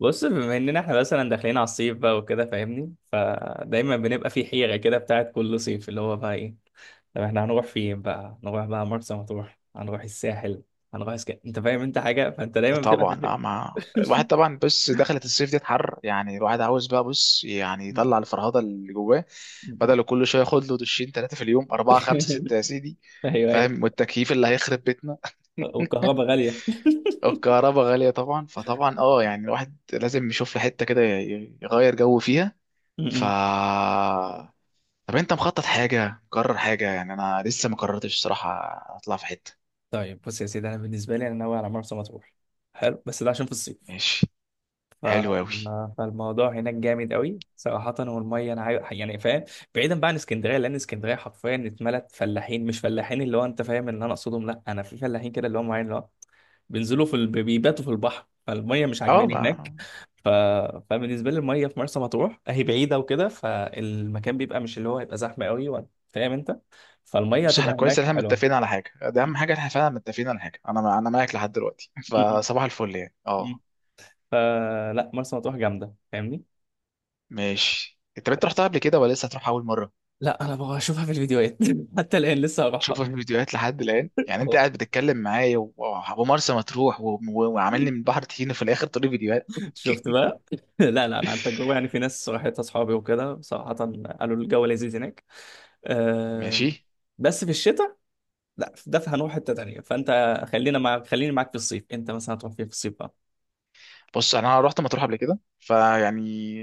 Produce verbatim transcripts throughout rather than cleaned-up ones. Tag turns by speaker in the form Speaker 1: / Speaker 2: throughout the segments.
Speaker 1: بص بما اننا احنا مثلا داخلين على الصيف بقى وكده فاهمني، فدايما بنبقى في حيرة كده بتاعت كل صيف اللي هو بقى ايه. طب احنا هنروح فين بقى؟ هنروح بقى مرسى مطروح، هنروح الساحل، هنروح اسك... انت فاهم انت حاجة، فانت دايما بتبقى
Speaker 2: طبعا
Speaker 1: في
Speaker 2: اه ما الواحد طبعا، بص، دخلت الصيف دي حر، يعني الواحد عاوز بقى، بص يعني يطلع الفرهده اللي جواه،
Speaker 1: الحيرة.
Speaker 2: بدل كل شويه ياخد له دشين، ثلاثه في اليوم، اربعه، خمسه، سته، يا سيدي.
Speaker 1: ايوه ايوه.
Speaker 2: فاهم؟ والتكييف اللي هيخرب بيتنا.
Speaker 1: والكهرباء غالية.
Speaker 2: الكهرباء غاليه طبعا. فطبعا اه يعني الواحد لازم يشوف له حته كده ي- يغير جو فيها. ف
Speaker 1: م-م.
Speaker 2: طب انت مخطط حاجه؟ مقرر حاجه؟ يعني انا لسه ما قررتش الصراحه، اطلع في حته.
Speaker 1: طيب بص يا سيدي، انا بالنسبة لي انا ناوي على مرسى مطروح. حلو بس ده عشان في الصيف،
Speaker 2: ماشي،
Speaker 1: ف...
Speaker 2: حلو قوي.
Speaker 1: فالموضوع هناك جامد قوي صراحة، والمية أنا عايز يعني فاهم، بعيدا بقى عن اسكندرية، لأن اسكندرية حرفيا اتملت فلاحين. مش فلاحين اللي هو أنت فاهم إن أنا أقصدهم، لأ، أنا في فلاحين كده اللي هم معين اللي هو بينزلوا في ال... بيباتوا في البحر، فالمية مش عجباني هناك.
Speaker 2: اه،
Speaker 1: ف... فبالنسبة لي المية في مرسى مطروح هي بعيدة وكده، فالمكان بيبقى مش اللي هو هيبقى زحمة قوي وأنت فاهم أنت، فالمية
Speaker 2: بص، احنا
Speaker 1: هتبقى
Speaker 2: كويس ان
Speaker 1: هناك
Speaker 2: احنا
Speaker 1: حلوة.
Speaker 2: متفقين على حاجه، ده
Speaker 1: م-
Speaker 2: اهم حاجه، احنا فعلا متفقين على حاجه، انا انا معاك لحد دلوقتي،
Speaker 1: م-
Speaker 2: فصباح الفل يعني. اه،
Speaker 1: م. فلا مرسى مطروح جامدة فاهمني.
Speaker 2: ماشي. انت بنت رحتها قبل كده ولا لسه هتروح اول مره؟
Speaker 1: لا انا ببقى اشوفها في الفيديوهات حتى الان لسه هروحها.
Speaker 2: شوفها في الفيديوهات لحد الان يعني، انت
Speaker 1: أهو.
Speaker 2: قاعد بتتكلم معايا و- ومرسى مطروح و- و- وعاملني من بحر طحينه في الاخر تقولي فيديوهات.
Speaker 1: شفت بقى. لا لا انا عن تجربه يعني، في ناس راحت اصحابي وكده صراحه، قالوا الجو لذيذ هناك. أه
Speaker 2: ماشي.
Speaker 1: بس في الشتاء. لا ده هنروح حته تانيه فانت، خلينا مع خليني معاك في الصيف. انت مثلا هتروح فين في الصيف بقى؟
Speaker 2: بص انا رحت مطروح قبل كده فيعني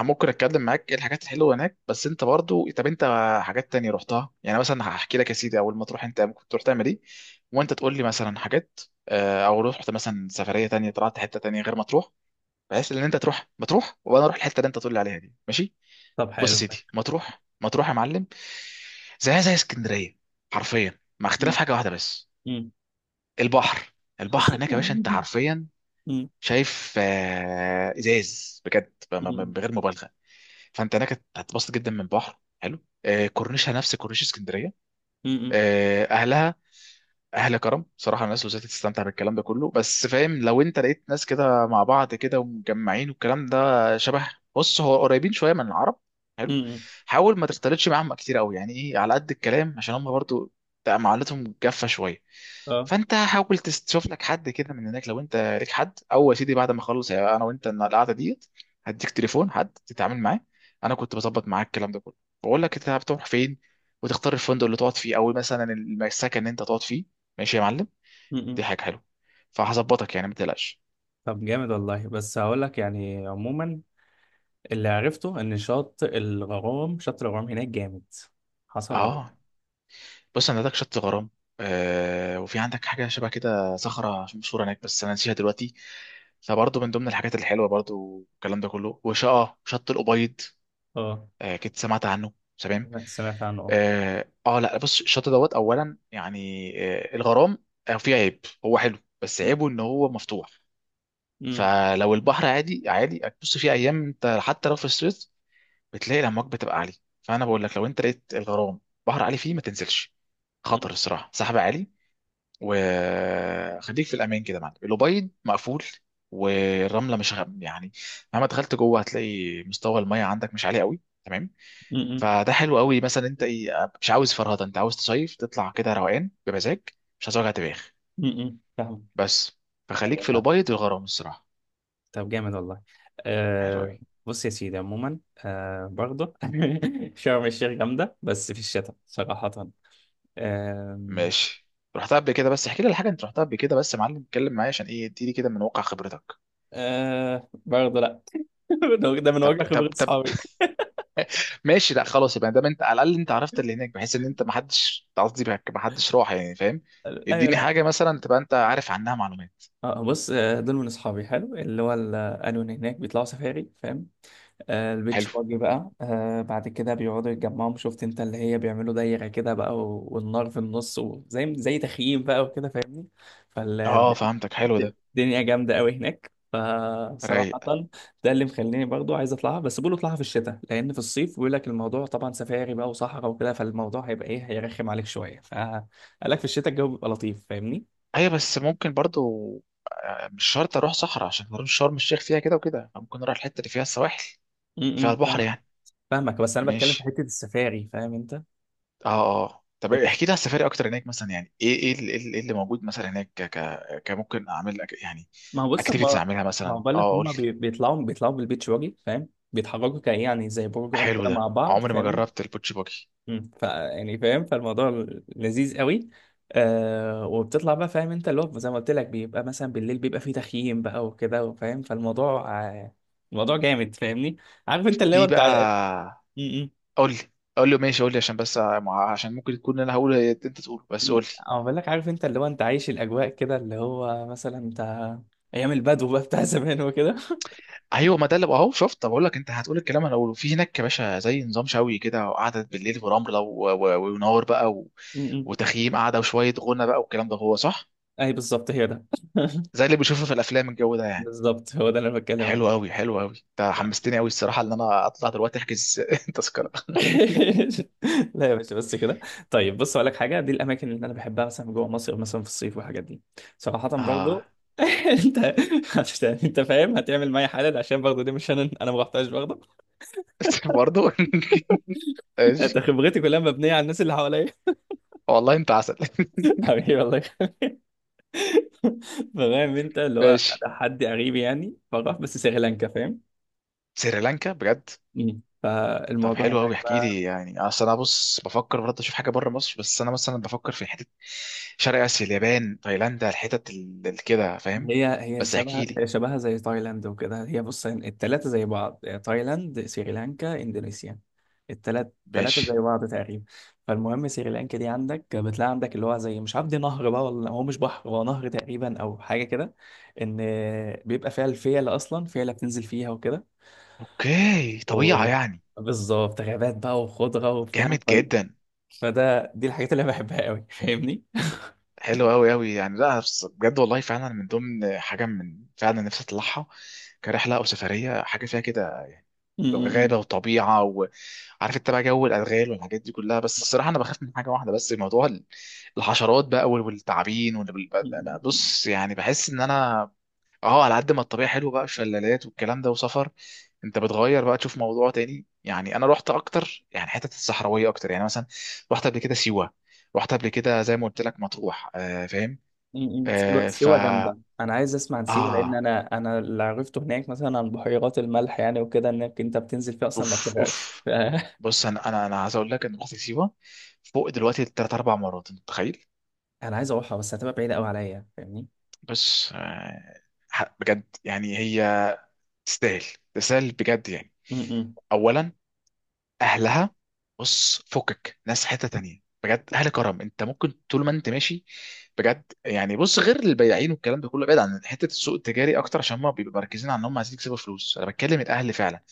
Speaker 2: ممكن اتكلم معاك ايه الحاجات الحلوه هناك، بس انت برضو، طب انت حاجات تانية رحتها؟ يعني مثلا هحكي لك يا سيدي اول ما تروح انت ممكن تروح تعمل ايه، وانت تقول لي مثلا حاجات. آه، او رحت مثلا سفريه تانية، طلعت حته تانية غير مطروح، بحيث ان انت تروح مطروح وانا اروح الحته اللي انت تقول لي عليها دي. ماشي.
Speaker 1: طب
Speaker 2: بص يا
Speaker 1: حلو
Speaker 2: سيدي،
Speaker 1: ماشي.
Speaker 2: مطروح مطروح يا معلم، زيها زي اسكندريه حرفيا، مع اختلاف
Speaker 1: مم.
Speaker 2: حاجه واحده بس،
Speaker 1: مم.
Speaker 2: البحر.
Speaker 1: حظ.
Speaker 2: البحر هناك يا باشا انت
Speaker 1: مم.
Speaker 2: حرفيا
Speaker 1: مم.
Speaker 2: شايف، آه، ازاز بجد، ب- ب-
Speaker 1: مم.
Speaker 2: بغير مبالغه. فانت هناك هتتبسط جدا من بحر حلو، آه، كورنيشها نفس كورنيش اسكندريه،
Speaker 1: مم.
Speaker 2: آه، اهلها اهل كرم صراحه، الناس لوزات، تستمتع بالكلام ده كله، بس فاهم لو انت لقيت ناس كده مع بعض كده ومجمعين والكلام ده شبه، بص هو قريبين شويه من العرب. حلو.
Speaker 1: مم.
Speaker 2: حاول ما تختلطش معاهم كتير قوي يعني، ايه، على قد الكلام، عشان هم برضو بتبقى معاملتهم جافه شويه.
Speaker 1: اه.
Speaker 2: فانت حاول تس- تشوف لك حد كده من هناك، لو انت ليك حد، او يا سيدي بعد ما اخلص، يعني انا وانت القعده ديت، هديك تليفون حد تتعامل معاه. انا كنت بظبط معاك الكلام ده كله، بقول لك انت بتروح فين، وتختار الفندق اللي تقعد فيه، او مثلا السكن اللي انت تقعد فيه. ماشي يا معلم. دي
Speaker 1: مم.
Speaker 2: حاجه حلوه. فهظبطك يعني، ما تقلقش.
Speaker 1: طب جامد والله. بس هقول لك يعني عموما، اللي عرفته ان شط الغرام شط الغرام هناك جامد. حصل ولا لأ؟
Speaker 2: اه، بص، انا عندك شط غرام، آه، وفي عندك حاجه شبه كده صخره مشهوره هناك بس انا نسيها دلوقتي، فبرضه من ضمن الحاجات الحلوه برضه والكلام ده كله، وشقه شط الابيض.
Speaker 1: اه.
Speaker 2: آه، كنت سمعت عنه، تمام.
Speaker 1: سمعت عنه اه.
Speaker 2: اه، آه، لا، بص الشط دوت اولا يعني، آه الغرام، آه فيه عيب، هو حلو بس عيبه ان هو مفتوح،
Speaker 1: امم.
Speaker 2: فلو البحر عادي عادي هتبص فيه ايام انت، حتى لو في الصيف بتلاقي الامواج بتبقى عاليه. فانا بقول لك لو انت لقيت الغرام بحر عالي فيه، ما تنزلش، خطر الصراحه، سحب عالي. وخليك في الامان كده يا معلم. الأبيض مقفول، والرمله مش غ... يعني مهما دخلت جوه هتلاقي مستوى الميه عندك مش عالي قوي. تمام.
Speaker 1: امم.
Speaker 2: فده حلو قوي، مثلا انت ايه، مش عاوز فرهده، انت عاوز تصيف، تطلع كده روقان بمزاج، مش عايز وجع دماغ
Speaker 1: امم فاهم.
Speaker 2: بس. فخليك
Speaker 1: ايوه
Speaker 2: في
Speaker 1: فاهم.
Speaker 2: الأبيض والغرام الصراحه.
Speaker 1: طب جامد والله.
Speaker 2: حلو
Speaker 1: آه.
Speaker 2: قوي.
Speaker 1: بص يا سيدي عموما، آه برضه شرم الشيخ جامده بس في الشتاء صراحه. آه.
Speaker 2: ماشي. رحتها قبل كده؟ بس احكي لي الحاجه، انت رحتها قبل كده، بس يا معلم اتكلم معايا عشان ايه، اديني كده من واقع خبرتك.
Speaker 1: آه برضه لا. ده ده من
Speaker 2: طب
Speaker 1: واقع
Speaker 2: طب
Speaker 1: خبره
Speaker 2: طب
Speaker 1: اصحابي.
Speaker 2: ماشي، لا خلاص، يبقى دام انت على الاقل انت عرفت اللي هناك، بحيث ان انت ما حدش قصدي بهك- ما حدش راح يعني فاهم،
Speaker 1: ايوه
Speaker 2: اديني
Speaker 1: لا.
Speaker 2: حاجه مثلا تبقى انت عارف عنها معلومات.
Speaker 1: آه بص آه، دول من اصحابي حلو اللي هو ال- قالوا ان هناك بيطلعوا سفاري فاهم، آه، البيتش
Speaker 2: حلو.
Speaker 1: باجي بقى، آه، بعد كده بيقعدوا يتجمعوا، شفت انت، اللي هي بيعملوا دايرة كده بقى و- والنار في النص، وزي زي تخييم بقى وكده فاهمني.
Speaker 2: اه، فهمتك، حلو ده.
Speaker 1: فالدنيا جامدة قوي هناك فصراحة،
Speaker 2: رايق.
Speaker 1: ده اللي مخليني برضو عايز اطلعها. بس بيقولوا اطلعها في الشتاء، لان في الصيف بيقول لك الموضوع طبعا سفاري بقى وصحراء وكده، فالموضوع هيبقى ايه، هيرخم عليك شوية، فقال لك في الشتاء الجو بيبقى لطيف فاهمني.
Speaker 2: ايوه، بس ممكن برضو آه، مش شرط اروح صحراء عشان اروح شرم الشيخ، فيها كده وكده، ممكن اروح الحته اللي فيها السواحل،
Speaker 1: م-
Speaker 2: فيها
Speaker 1: م،
Speaker 2: البحر
Speaker 1: فاهمك.
Speaker 2: يعني.
Speaker 1: فاهمك، بس انا بتكلم في
Speaker 2: ماشي.
Speaker 1: حتة السفاري فاهم انت.
Speaker 2: اه. اه، طب احكي لي على السفاري اكتر هناك، مثلا يعني ايه، ايه اللي، إيه اللي موجود مثلا هناك، ك ك كممكن اعمل أك- يعني
Speaker 1: ما هو بص
Speaker 2: اكتيفيتيز
Speaker 1: هو،
Speaker 2: اعملها
Speaker 1: ما هو
Speaker 2: مثلا؟
Speaker 1: بقول لك
Speaker 2: اه، قول
Speaker 1: هم
Speaker 2: لي.
Speaker 1: بيطلعوا بيطلعوا بالبيتش واجي فاهم، بيتحركوا كايه يعني زي بروجرام
Speaker 2: حلو
Speaker 1: كده
Speaker 2: ده،
Speaker 1: مع بعض
Speaker 2: عمري ما
Speaker 1: فاهمني.
Speaker 2: جربت البوتشي باجي.
Speaker 1: امم ف يعني فاهم، فالموضوع لذيذ قوي. آه وبتطلع بقى، فاهم انت اللي هو زي ما قلت لك بيبقى مثلا بالليل بيبقى فيه تخييم بقى وكده فاهم، فالموضوع آه، الموضوع جامد فاهمني. عارف انت اللي هو
Speaker 2: في
Speaker 1: انت ع-
Speaker 2: بقى،
Speaker 1: م- م.
Speaker 2: قول لي قول لي ماشي، قول لي عشان بس مع- عشان ممكن تكون انا هقول انت تقوله، بس
Speaker 1: م-
Speaker 2: قول لي.
Speaker 1: أنا بقول لك، عارف انت اللي هو انت عايش الاجواء كده، اللي هو مثلا انت ايام البدو بقى بتاع زمان وكده.
Speaker 2: ايوه، ما ده اللي اهو شفت. طب اقول لك انت هتقول الكلام انا هقوله؟ في هناك يا باشا زي نظام شوي كده وقعدة بالليل ورمله و- و- ونار بقى و...
Speaker 1: م- م.
Speaker 2: وتخييم قاعده وشويه غنى بقى، والكلام ده هو صح؟
Speaker 1: اي بالظبط هي ده.
Speaker 2: زي اللي بشوفه في الافلام الجو ده يعني.
Speaker 1: بالظبط هو ده اللي انا بتكلم
Speaker 2: حلو
Speaker 1: عليه.
Speaker 2: قوي حلو قوي انت
Speaker 1: لا
Speaker 2: حمستني قوي الصراحه ان انا اطلع دلوقتي احجز تذكره.
Speaker 1: لا يا باشا بس كده. طيب بص اقول لك حاجه، دي الاماكن اللي انا بحبها مثلا جوه مصر مثلا في الصيف والحاجات دي صراحه برضو.
Speaker 2: اه.
Speaker 1: انت هت- انت فاهم هتعمل معايا حالا، عشان برضو دي مش انا، انا ما رحتهاش برضو.
Speaker 2: برضه. ماشي.
Speaker 1: انت خبرتي كلها مبنيه على الناس اللي حواليا.
Speaker 2: والله انت عسل.
Speaker 1: حبيبي والله. فاهم انت اللي هو
Speaker 2: ماشي.
Speaker 1: ده حد قريب يعني فراح بس سريلانكا فاهم.
Speaker 2: سريلانكا بجد؟
Speaker 1: مم.
Speaker 2: طب
Speaker 1: فالموضوع
Speaker 2: حلو قوي،
Speaker 1: هناك
Speaker 2: احكي
Speaker 1: بقى،
Speaker 2: لي يعني، اصل انا بص بفكر برضه اشوف حاجه بره مصر، بس انا مثلا بفكر في حته شرق اسيا، اليابان، تايلاند، الحتت ال- ال- كده فاهم.
Speaker 1: هي هي
Speaker 2: بس
Speaker 1: شبه
Speaker 2: احكي لي.
Speaker 1: هي شبهها زي تايلاند وكده، هي بص التلاتة زي بعض، تايلاند سريلانكا اندونيسيا، التلات التلاتة زي
Speaker 2: ماشي.
Speaker 1: بعض تقريبا. فالمهم سريلانكا دي عندك بتلاقي عندك اللي هو زي مش عارف، دي نهر بقى ولا هو مش بحر، هو نهر تقريبا او حاجة كده، ان بيبقى فيها الفيلة، اصلا فيلة بتنزل فيها وكده،
Speaker 2: اوكي،
Speaker 1: و
Speaker 2: طبيعه يعني.
Speaker 1: بالظبط غابات بقى وخضرة وبتاع،
Speaker 2: جامد
Speaker 1: ف...
Speaker 2: جدا.
Speaker 1: فده دي الحاجات اللي انا بحبها قوي فاهمني؟
Speaker 2: حلو قوي قوي يعني، لا بس بجد والله فعلا من ضمن حاجه من فعلا نفسي اطلعها كرحله او سفريه، حاجه فيها كده غابة وطبيعة، وعارف انت بقى جو الأدغال والحاجات دي كلها، بس الصراحة أنا بخاف من حاجة واحدة بس، موضوع ال- الحشرات بقى وال- والتعابين وال- بال- بقى- بقى- بص يعني بحس إن أنا، أه، على قد ما الطبيعة حلوة بقى، شلالات والكلام ده وسفر، أنت بتغير بقى تشوف موضوع تاني يعني. أنا رحت أكتر يعني حتة الصحراوية أكتر، يعني مثلا رحت قبل كده سيوة، رحت قبل كده زي ما قلت لك مطروح، آه فاهم.
Speaker 1: م- م. سيوة
Speaker 2: آه ف
Speaker 1: سيوة جامدة، أنا عايز أسمع عن سيوة، لأن
Speaker 2: آه،
Speaker 1: أنا أنا اللي عرفته هناك مثلا عن بحيرات الملح يعني وكده، إنك أنت بتنزل فيها أصلا ما
Speaker 2: أوف
Speaker 1: بتغرقش.
Speaker 2: أوف.
Speaker 1: ف-
Speaker 2: بص انا انا انا عايز اقول لك ان رحت سيوه فوق دلوقتي ثلاث اربع مرات، انت متخيل؟
Speaker 1: أنا عايز أروحها، بس هتبقى بعيدة أوي عليا فاهمني؟
Speaker 2: بس آه، ح- بجد يعني، هي تستاهل، تستاهل بجد يعني.
Speaker 1: م- م.
Speaker 2: اولا، اهلها، بص فكك، ناس حته تانية بجد، اهل كرم، انت ممكن طول ما انت ماشي بجد يعني. بص غير البياعين والكلام ده كله، بعيد عن حته السوق التجاري اكتر عشان هم بيبقوا مركزين على ان هم عايزين يكسبوا فلوس، انا بتكلم الاهل فعلا.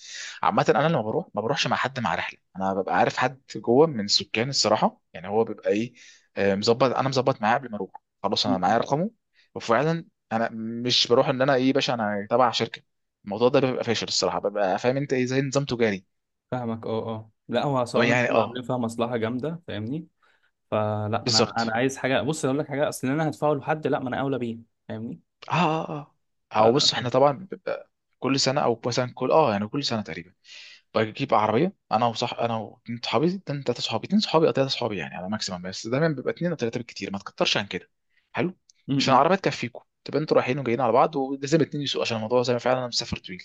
Speaker 2: عامه انا لما بروح ما بروحش مع حد مع رحله، انا ببقى عارف حد جوه من السكان الصراحه، يعني هو بيبقى ايه، آه، مظبط، انا مظبط معاه قبل ما اروح، خلاص
Speaker 1: م-
Speaker 2: انا
Speaker 1: م.
Speaker 2: معايا رقمه. وفعلا انا مش بروح ان انا ايه باشا انا تبع شركه، الموضوع ده بيبقى فاشل الصراحه، ببقى فاهم انت ايه، زي نظام تجاري.
Speaker 1: فاهمك. أه أه لا هو
Speaker 2: أو
Speaker 1: صراحة
Speaker 2: يعني
Speaker 1: بتبقى عاملين
Speaker 2: اه.
Speaker 1: فيها مصلحة جامدة فاهمني؟ فلا أنا أنا
Speaker 2: بالظبط.
Speaker 1: عايز حاجة، بص أقول لك حاجة، أصل أنا هدفعه لحد، لا ما أنا أولى بيه، فاهمني؟
Speaker 2: اه، اه، اه، او
Speaker 1: فلا
Speaker 2: بص، احنا
Speaker 1: فاهم.
Speaker 2: طبعا بيبقى كل سنه، او مثلا كل اه يعني كل سنه تقريبا، بجيب عربيه انا، وصح انا واتنين صحابي، اتنين تلاته صحابي، اتنين صحابي او تلاته صحابي يعني على ماكسيمم، بس دايما بيبقى اتنين او تلاته بالكتير، ما تكترش عن كده. حلو. عشان
Speaker 1: م-
Speaker 2: العربيه تكفيكم، تبقى انتوا رايحين وجايين على بعض، ولازم اتنين يسوقوا عشان الموضوع، زي ما فعلا انا مسافر طويل،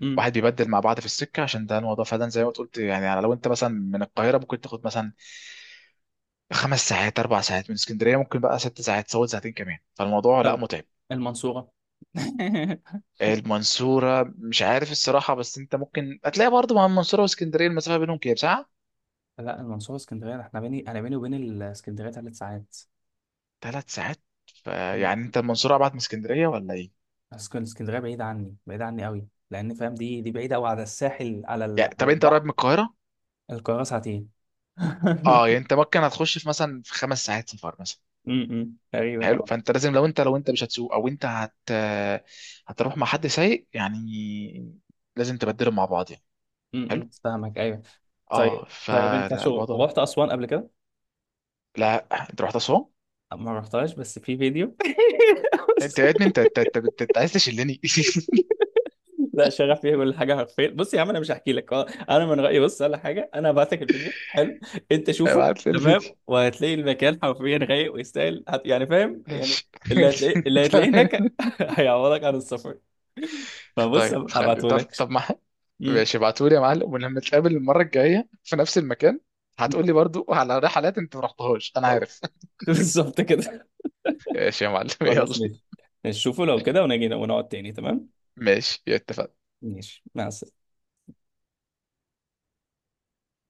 Speaker 1: م. م.
Speaker 2: واحد بيبدل مع بعض في السكه، عشان ده الموضوع فعلا زي ما قلت يعني. يعني لو انت مثلا من القاهره ممكن تاخد مثلا خمس ساعات، اربع ساعات، من اسكندريه ممكن بقى ست ساعات تزود ساعتين كمان، فالموضوع لا
Speaker 1: طب
Speaker 2: متعب.
Speaker 1: المنصورة.
Speaker 2: المنصورة مش عارف الصراحة، بس انت ممكن هتلاقي برضه، مع المنصورة واسكندرية المسافة بينهم كام ساعة؟
Speaker 1: لا المنصورة اسكندرية، احنا بيني أنا بيني وبين الاسكندرية ثلاث ساعات.
Speaker 2: ثلاث ساعات. فيعني انت المنصورة ابعد من اسكندرية ولا ايه؟
Speaker 1: اسكن اسكندريه بعيده عني، بعيده عني قوي، لان فاهم دي دي بعيده قوي على الساحل، على ال...
Speaker 2: يعني طب
Speaker 1: على
Speaker 2: انت قريب
Speaker 1: البحر.
Speaker 2: من القاهرة؟
Speaker 1: القاهره ساعتين.
Speaker 2: اه، يعني انت ممكن هتخش في مثلا في خمس ساعات سفر مثلا.
Speaker 1: امم تقريبا
Speaker 2: حلو.
Speaker 1: اه.
Speaker 2: فانت لازم، لو انت لو انت مش هتسوق او انت هت هتروح مع حد سايق يعني، لازم تبدلهم مع بعض يعني. حلو.
Speaker 1: امم فاهمك ايوه. طيب
Speaker 2: اه،
Speaker 1: طيب، انت شو
Speaker 2: فالموضوع.
Speaker 1: رحت اسوان قبل كده؟
Speaker 2: لا، انت رحت اسوان؟
Speaker 1: ما رحتهاش بس في فيديو.
Speaker 2: انت يا ابني، انت انت انت, انت, انت عايز تشلني؟
Speaker 1: لا شغف فيها كل حاجه حرفيا، بص يا عم انا مش هحكي لك، آه، انا من رايي بص ولا حاجه، انا هبعتك الفيديو، حلو، انت شوفه،
Speaker 2: ابعت لي الفيديو.
Speaker 1: تمام، وهتلاقي المكان حرفيا رايق ويستاهل، هت- يعني فاهم يعني،
Speaker 2: ماشي.
Speaker 1: اللي هتلاقيه اللي هتلاقيه هناك
Speaker 2: تمام.
Speaker 1: هيعوضك عن السفر، فبص
Speaker 2: طيب خلي،
Speaker 1: هبعته
Speaker 2: طب
Speaker 1: لك.
Speaker 2: طب ما حد-
Speaker 1: امم.
Speaker 2: ماشي، ابعتولي يا معلم، ولما نتقابل المرة الجاية في نفس المكان هتقولي برضو على رحلات انت ما رحتهاش انا
Speaker 1: خلاص.
Speaker 2: عارف.
Speaker 1: بالظبط كده.
Speaker 2: ماشي يا معلم، يلا.
Speaker 1: خلاص ماشي. شوفوا لو كده ونجي ونقعد تاني تمام.
Speaker 2: ماشي، اتفقنا.
Speaker 1: ماشي مع السلامه.